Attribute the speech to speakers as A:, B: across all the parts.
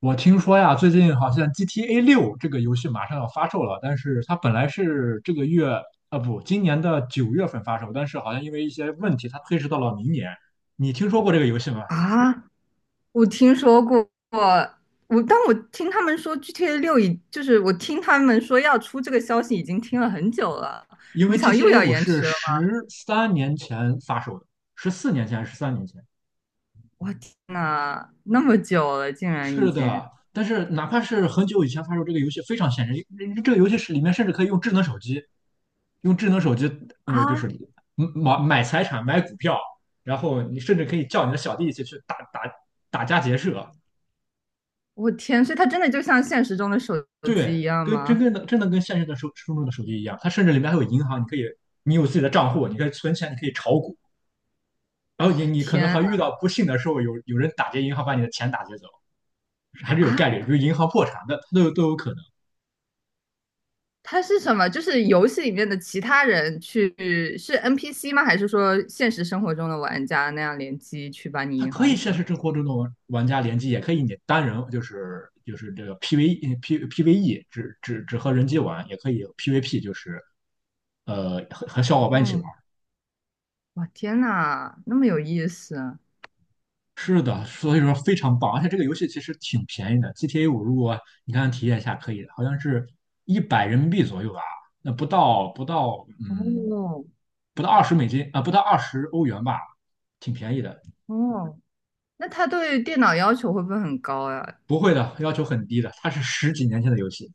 A: 我听说呀，最近好像 GTA 六这个游戏马上要发售了，但是它本来是这个月，啊不，今年的9月份发售，但是好像因为一些问题，它推迟到了明年。你听说过这个游戏吗？
B: 啊，我听说过，但我听他们说 GTA 六就是我听他们说要出这个消息已经听了很久了，
A: 因
B: 没
A: 为
B: 想到又
A: GTA
B: 要
A: 五
B: 延
A: 是
B: 迟了。
A: 13年前发售的，14年前还是十三年前？
B: 我天呐，那么久了，竟然已
A: 是
B: 经
A: 的，但是哪怕是很久以前发售这个游戏，非常现实，这个游戏是里面甚至可以用智能手机，用智能手机，
B: 啊！
A: 就是买财产、买股票，然后你甚至可以叫你的小弟一起去打家劫舍，
B: 我天，所以它真的就像现实中的手
A: 对，
B: 机一样
A: 跟真
B: 吗？
A: 跟的真的跟现实的手生中的手机一样，它甚至里面还有银行，你可以你有自己的账户，你可以存钱，你可以炒股，然后你可能
B: 天
A: 还遇到不幸的时候，有人打劫银行把你的钱打劫走，还是有
B: 啊！
A: 概率，
B: 啊
A: 比如银行破产的，都有可能。
B: 它是什么？就是游戏里面的其他人去是 NPC 吗？还是说现实生活中的玩家那样联机去把你
A: 它
B: 银
A: 可以
B: 行
A: 现
B: 抢？
A: 实生活中的玩家联机，也可以你单人，就是这个 PVE 只和人机玩，也可以 PVP,就是和小伙伴一起
B: 哦，
A: 玩。
B: 哇，天呐，那么有意思啊！
A: 是的，所以说非常棒，而且这个游戏其实挺便宜的。GTA 五如果你看体验一下，可以，好像是100人民币左右吧，那不到不到嗯
B: 哦
A: 不到20美金啊、不到20欧元吧，挺便宜的。
B: 哦，那他对电脑要求会不会很高呀？
A: 不会的，要求很低的，它是十几年前的游戏，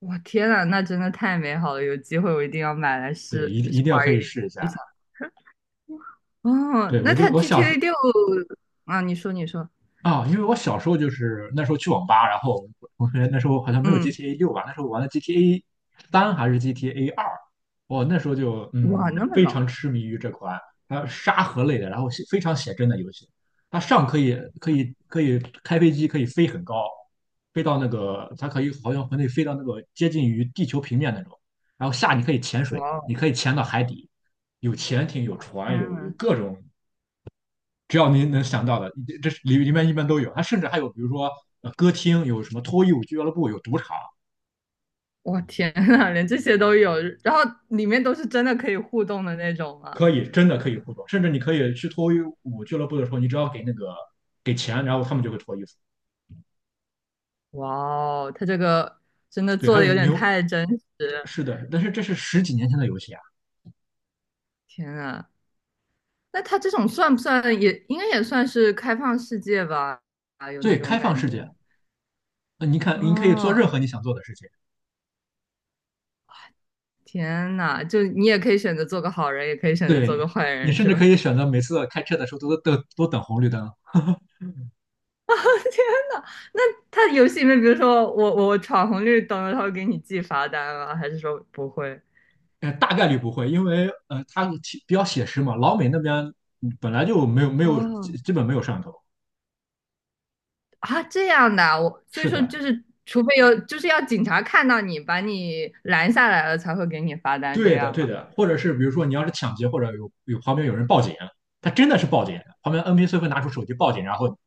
B: 哇，天呐，那真的太美好了！有机会我一定要买来
A: 对，
B: 试
A: 一定一
B: 试
A: 定要
B: 玩
A: 可以试一下。
B: 一下。哦，
A: 对，我
B: 那
A: 就
B: 他
A: 我小时
B: GTA 六啊，你说你说，
A: 因为我小时候就是那时候去网吧，然后我同学那时候好像没有
B: 嗯，
A: GTA 六吧，那时候玩的 GTA 三还是 GTA 2，我那时候就
B: 哇，
A: 嗯
B: 那么
A: 非常
B: 老，
A: 痴迷于这款它沙盒类的，然后写非常写真的游戏，它上可以开飞机，可以飞很高，飞到那个它可以好像可以飞到那个接近于地球平面那种，然后下你可以潜水，
B: 哇哦，
A: 你可以潜到海底，有潜艇，有
B: 哇天
A: 船，有
B: 呐，
A: 各种只要您能想到的，这是里面一般都有。它甚至还有，比如说歌厅，有什么脱衣舞俱乐部，有赌场，
B: 哇天呐，连这些都有，然后里面都是真的可以互动的那种啊，
A: 可以真的可以互动。甚至你可以去脱衣舞俱乐部的时候，你只要给那个给钱，然后他们就会脱衣服。
B: 哇哦，他这个真的
A: 对，
B: 做
A: 还
B: 的
A: 有
B: 有点
A: 牛，
B: 太真实，
A: 是的，但是这是十几年前的游戏啊，
B: 天呐！那他这种算不算也应该也算是开放世界吧？啊，有那
A: 对，
B: 种
A: 开放
B: 感
A: 世界，
B: 觉。
A: 那你看你可以做
B: 哦，
A: 任何你想做的事情，
B: 天呐，就你也可以选择做个好人，也可以选择做
A: 对
B: 个坏
A: 你
B: 人，
A: 甚
B: 是
A: 至
B: 吧？
A: 可以 选择每次开车的时候都等红绿灯。
B: 啊，天呐，那他游戏里面，比如说我闯红绿灯，他会给你记罚单吗？还是说不会？
A: 大概率不会，因为它比较写实嘛。老美那边本来就没有没有基
B: 哦，
A: 基本没有摄像头。
B: 啊，这样的啊我所以
A: 是
B: 说
A: 的，
B: 就是，除非有就是要警察看到你把你拦下来了，才会给你罚单，这
A: 对的，
B: 样
A: 对
B: 吗？
A: 的。或者是比如说你要是抢劫，或者旁边有人报警，他真的是报警，旁边 NPC 会拿出手机报警，然后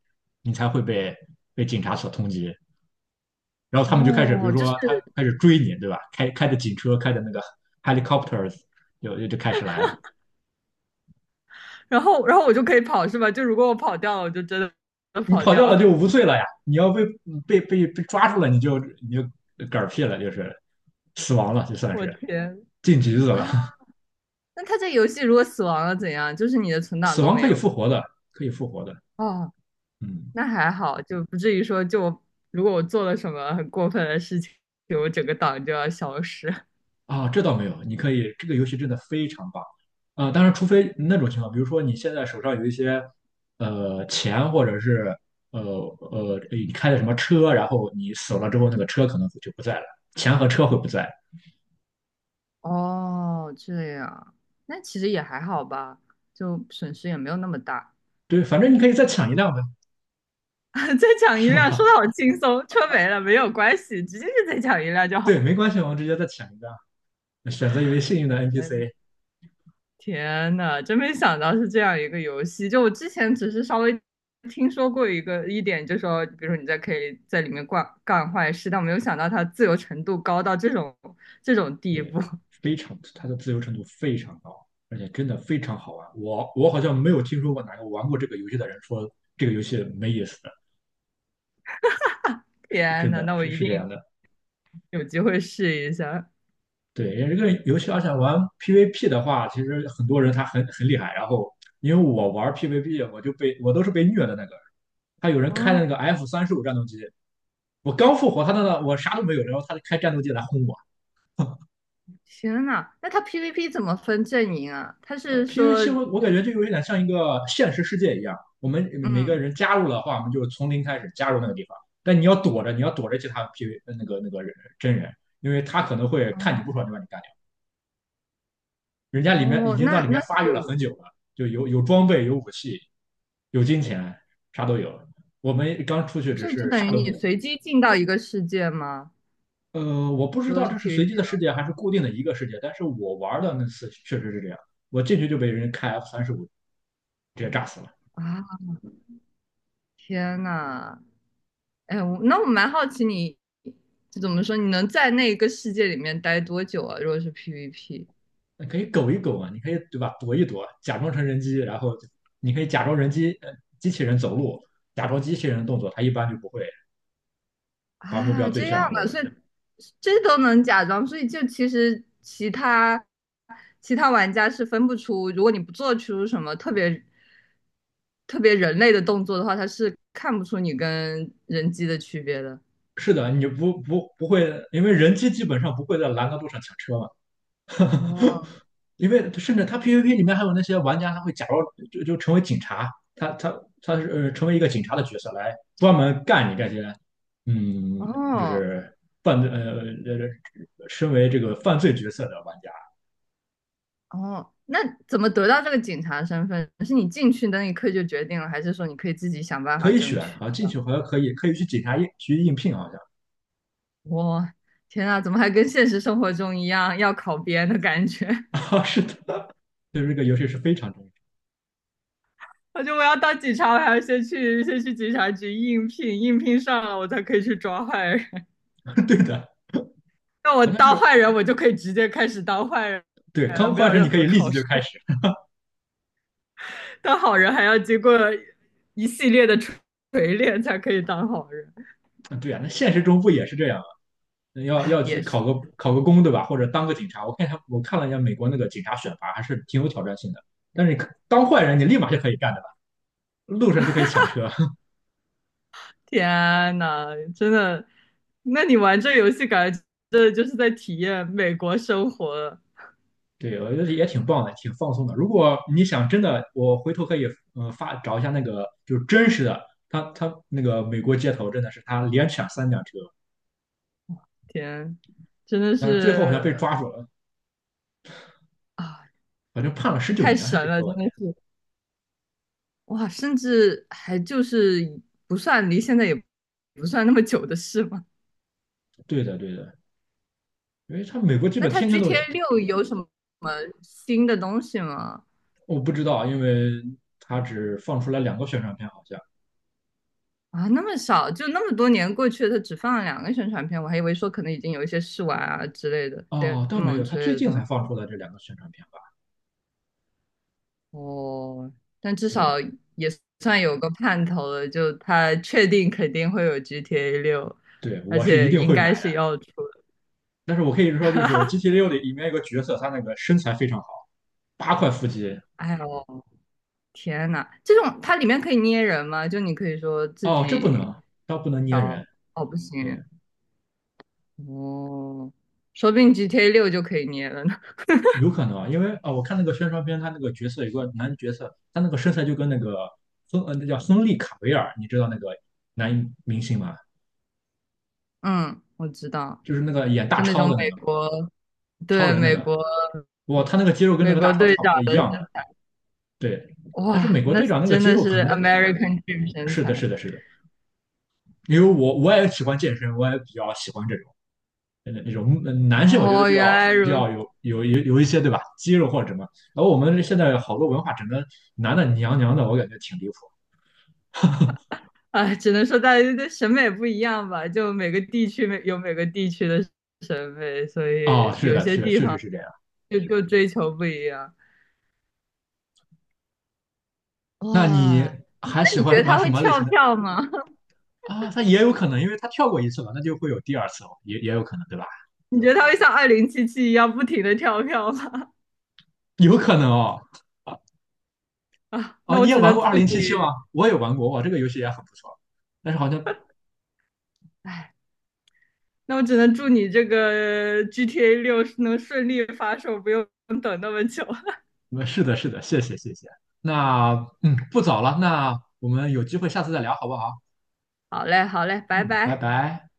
A: 你才会被警察所通缉。然后他们就开始，比
B: 哦，
A: 如
B: 就是
A: 说他开始追你，对吧？开着警车，开着那个 helicopters,就就就开始来了。
B: 然后我就可以跑是吧？就如果我跑掉了，我就真的
A: 你
B: 跑
A: 跑掉
B: 掉
A: 了
B: 了。
A: 就无罪了呀！你要被抓住了，你就嗝屁了，就是死亡了，就 算
B: 我
A: 是
B: 天
A: 进局子了。
B: 啊！那他这游戏如果死亡了怎样？就是你的存 档
A: 死
B: 都
A: 亡
B: 没
A: 可以
B: 有
A: 复
B: 了
A: 活的，可以复活的。
B: 哦，
A: 嗯，
B: 那还好，就不至于说就我如果我做了什么很过分的事情，就我整个档就要消失。
A: 啊，这倒没有，你可以，这个游戏真的非常棒。当然，除非那种情况，比如说你现在手上有一些钱，或者是你开的什么车，然后你死了之后，那个车可能就不在了，钱和车会不在。
B: 哦，这样，那其实也还好吧，就损失也没有那么大。
A: 对，反正你可以再抢一辆呗，
B: 再抢一
A: 是
B: 辆，说的
A: 吗？
B: 好轻松，车没了没有关系，直接就再抢一辆就
A: 对，
B: 好。
A: 没关系，我们直接再抢一辆。选择一位幸运的
B: 哎
A: NPC,
B: 天呐，真没想到是这样一个游戏。就我之前只是稍微听说过一点，就说，比如说你在可以在里面干干坏事，但我没有想到它自由程度高到这种地
A: 对，
B: 步。
A: 非常，它的自由程度非常高，而且真的非常好玩。我好像没有听说过哪个玩过这个游戏的人说这个游戏没意思的，
B: 天
A: 真
B: 呐，
A: 的
B: 那我
A: 是
B: 一
A: 是
B: 定
A: 这样的。
B: 有机会试一下。
A: 对，因为这个游戏，而且玩 PVP 的话，其实很多人他很厉害。然后因为我玩 PVP,我都是被虐的那个。他有人开那
B: 哦，
A: 个 F 三十五战斗机，我刚复活，他那我啥都没有，然后他就开战斗机来轰我。
B: 天呐，那它 PVP 怎么分阵营啊？他是说，
A: PVC 我感觉就有点像一个现实世界一样，我们每个
B: 嗯，
A: 人加入的话，我们就从零开始加入那个地方，但你要躲着，其他 PV 那个人真人，因为他可能会看你
B: 哦
A: 不爽就把你干掉。人家里面已
B: 哦，
A: 经在
B: 那
A: 里
B: 那
A: 面发育了很久了，就有装备、有武器、有金钱，啥都有。我们刚出去只
B: 所以就
A: 是啥
B: 等于
A: 都没
B: 你
A: 有。
B: 随机进到一个世界吗？
A: 呃，我不知
B: 如果
A: 道
B: 是
A: 这是随
B: PVP
A: 机的世
B: 的
A: 界还
B: 话，
A: 是固定的一个世界，但是我玩的那次确实是这样，我进去就被人开 F 三十五直接炸死了。
B: 啊，天呐！哎，我那我蛮好奇你，就怎么说，你能在那个世界里面待多久啊？如果是 PVP
A: 那可以苟一苟啊，你可以对吧？躲一躲，假装成人机，然后你可以假装人机，机器人走路，假装机器人的动作，它一般就不会把目标
B: 啊，
A: 对
B: 这样
A: 向我
B: 的，
A: 们。
B: 所以这都能假装，所以就其实其他玩家是分不出，如果你不做出什么特别人类的动作的话，他是看不出你跟人机的区别的。
A: 是的，你不会，因为人机基本上不会在拦的路上抢车嘛。
B: 哦
A: 因为甚至他 PVP 里面还有那些玩家，他会假装成为警察，他是成为一个警察的角色来专门干你这些，嗯，就
B: 哦
A: 是犯罪身为这个犯罪角色的玩家。
B: 哦，那怎么得到这个警察身份？是你进去的那一刻就决定了，还是说你可以自己想办
A: 可
B: 法
A: 以
B: 争
A: 选
B: 取？
A: 啊，进去好像可以去警察应聘，好像
B: 我天呐，怎么还跟现实生活中一样要考编的感觉？
A: 啊，是的，就是这个游戏是非常重
B: 我觉得我要当警察，我还要先去警察局应聘，应聘上了我才可以去抓坏人。
A: 要，对的，
B: 那我
A: 好像
B: 当
A: 是
B: 坏人，我就可以直接开始当坏人
A: 对，
B: 了，
A: 刚
B: 没
A: 换
B: 有
A: 成你
B: 任
A: 可
B: 何
A: 以立即
B: 考
A: 就
B: 试。
A: 开始，
B: 当好人还要经过一系列的锤炼才可以当好人。
A: 对啊，那现实中不也是这样吗？要
B: 哎，
A: 要去
B: 也是，
A: 考个公，对吧？或者当个警察，我看了一下美国那个警察选拔，还是挺有挑战性的。但是你当坏人，你立马就可以干的吧？路上就可以抢车，
B: 天呐，真的，那你玩这游戏感觉真的就是在体验美国生活，
A: 对，我觉得也挺棒的，挺放松的。如果你想真的，我回头可以找一下那个就是真实的，他那个美国街头真的是他连抢3辆车，
B: 天，真的
A: 但是最后好像被
B: 是。
A: 抓住了，
B: 啊，
A: 好像判了十九
B: 太
A: 年还是
B: 神了，
A: 多
B: 真
A: 少
B: 的
A: 年？
B: 是哇！甚至还就是不算离现在也不算那么久的事嘛。
A: 对的，对的，因为他美国基
B: 那
A: 本
B: 它
A: 天天都
B: GTA
A: 有，
B: 六有什么新的东西吗？
A: 我不知道，因为他只放出来两个宣传片好像。
B: 啊，那么少，就那么多年过去了，它只放了两个宣传片，我还以为说可能已经有一些试玩啊之类的
A: 哦，倒没
B: demo
A: 有，他
B: 之类
A: 最
B: 的
A: 近
B: 东
A: 才
B: 西。
A: 放出来这两个宣传片吧？
B: 哦，但至
A: 对，
B: 少也算有个盼头了，就它确定肯定会有 GTA 六，
A: 对，
B: 而
A: 我是一
B: 且
A: 定
B: 应
A: 会买
B: 该是
A: 的。
B: 要出
A: 但是我可以说，就是
B: 哈，
A: GTA 六里面有个角色，他那个身材非常好，8块腹肌，
B: 哎呦。天呐，这种它里面可以捏人吗？就你可以说自
A: 哦，这不能
B: 己
A: 啊，他不能捏人，
B: 调，哦，不
A: 对，
B: 行，哦，说不定 GTA 六就可以捏了呢。
A: 有可能啊，因为我看那个宣传片，他那个角色有个男角色，他那个身材就跟那个那叫亨利卡维尔，你知道那个男明星吗？
B: 嗯，我知道，
A: 就是那个演大
B: 就那
A: 超
B: 种
A: 的那
B: 美
A: 个
B: 国，
A: 超
B: 对，
A: 人那
B: 美
A: 个，
B: 国
A: 哇，他那个肌肉跟那
B: 美
A: 个大
B: 国
A: 超
B: 队
A: 差不
B: 长
A: 多一
B: 的身，
A: 样的，对。但是美
B: 哇，
A: 国
B: 那
A: 队长那个
B: 真
A: 肌
B: 的
A: 肉可
B: 是
A: 能
B: American Dream 身
A: 是的，
B: 材。
A: 是的，是的，因为我也喜欢健身，我也比较喜欢这种。那种男性，我觉得
B: 哦，
A: 就
B: 原
A: 要
B: 来
A: 就
B: 如
A: 要
B: 此，
A: 有一些对吧，肌肉或者什么。然后我们现在好多文化整个男的娘娘的，我感觉挺离谱。
B: 哎只能说大家的审美不一样吧，就每个地区每个地区的审美，所
A: 哦，
B: 以
A: 是
B: 有
A: 的，
B: 些
A: 是
B: 地
A: 确实
B: 方
A: 是这样。
B: 就追求不一样。
A: 那你
B: 哇，
A: 还
B: 那
A: 喜
B: 你觉
A: 欢
B: 得
A: 玩
B: 他
A: 什
B: 会
A: 么类
B: 跳
A: 型的
B: 票吗？
A: 啊？他也有可能，因为他跳过一次了，那就会有第二次哦也有可能对吧？
B: 你觉得他会像2077一样不停的跳票吗？
A: 有可能哦。啊 哦，
B: 那
A: 你
B: 我
A: 也
B: 只
A: 玩
B: 能
A: 过
B: 祝
A: 二零
B: 你，
A: 七七吗？我也玩过，哇，这个游戏也很不错。但是好像，
B: 哎，那我只能祝你这个 GTA 六能顺利发售，不用等那么久。
A: 是的，是的，谢谢，谢谢。那不早了，那我们有机会下次再聊，好不好？
B: 好嘞，好嘞，拜
A: 嗯，拜
B: 拜。
A: 拜。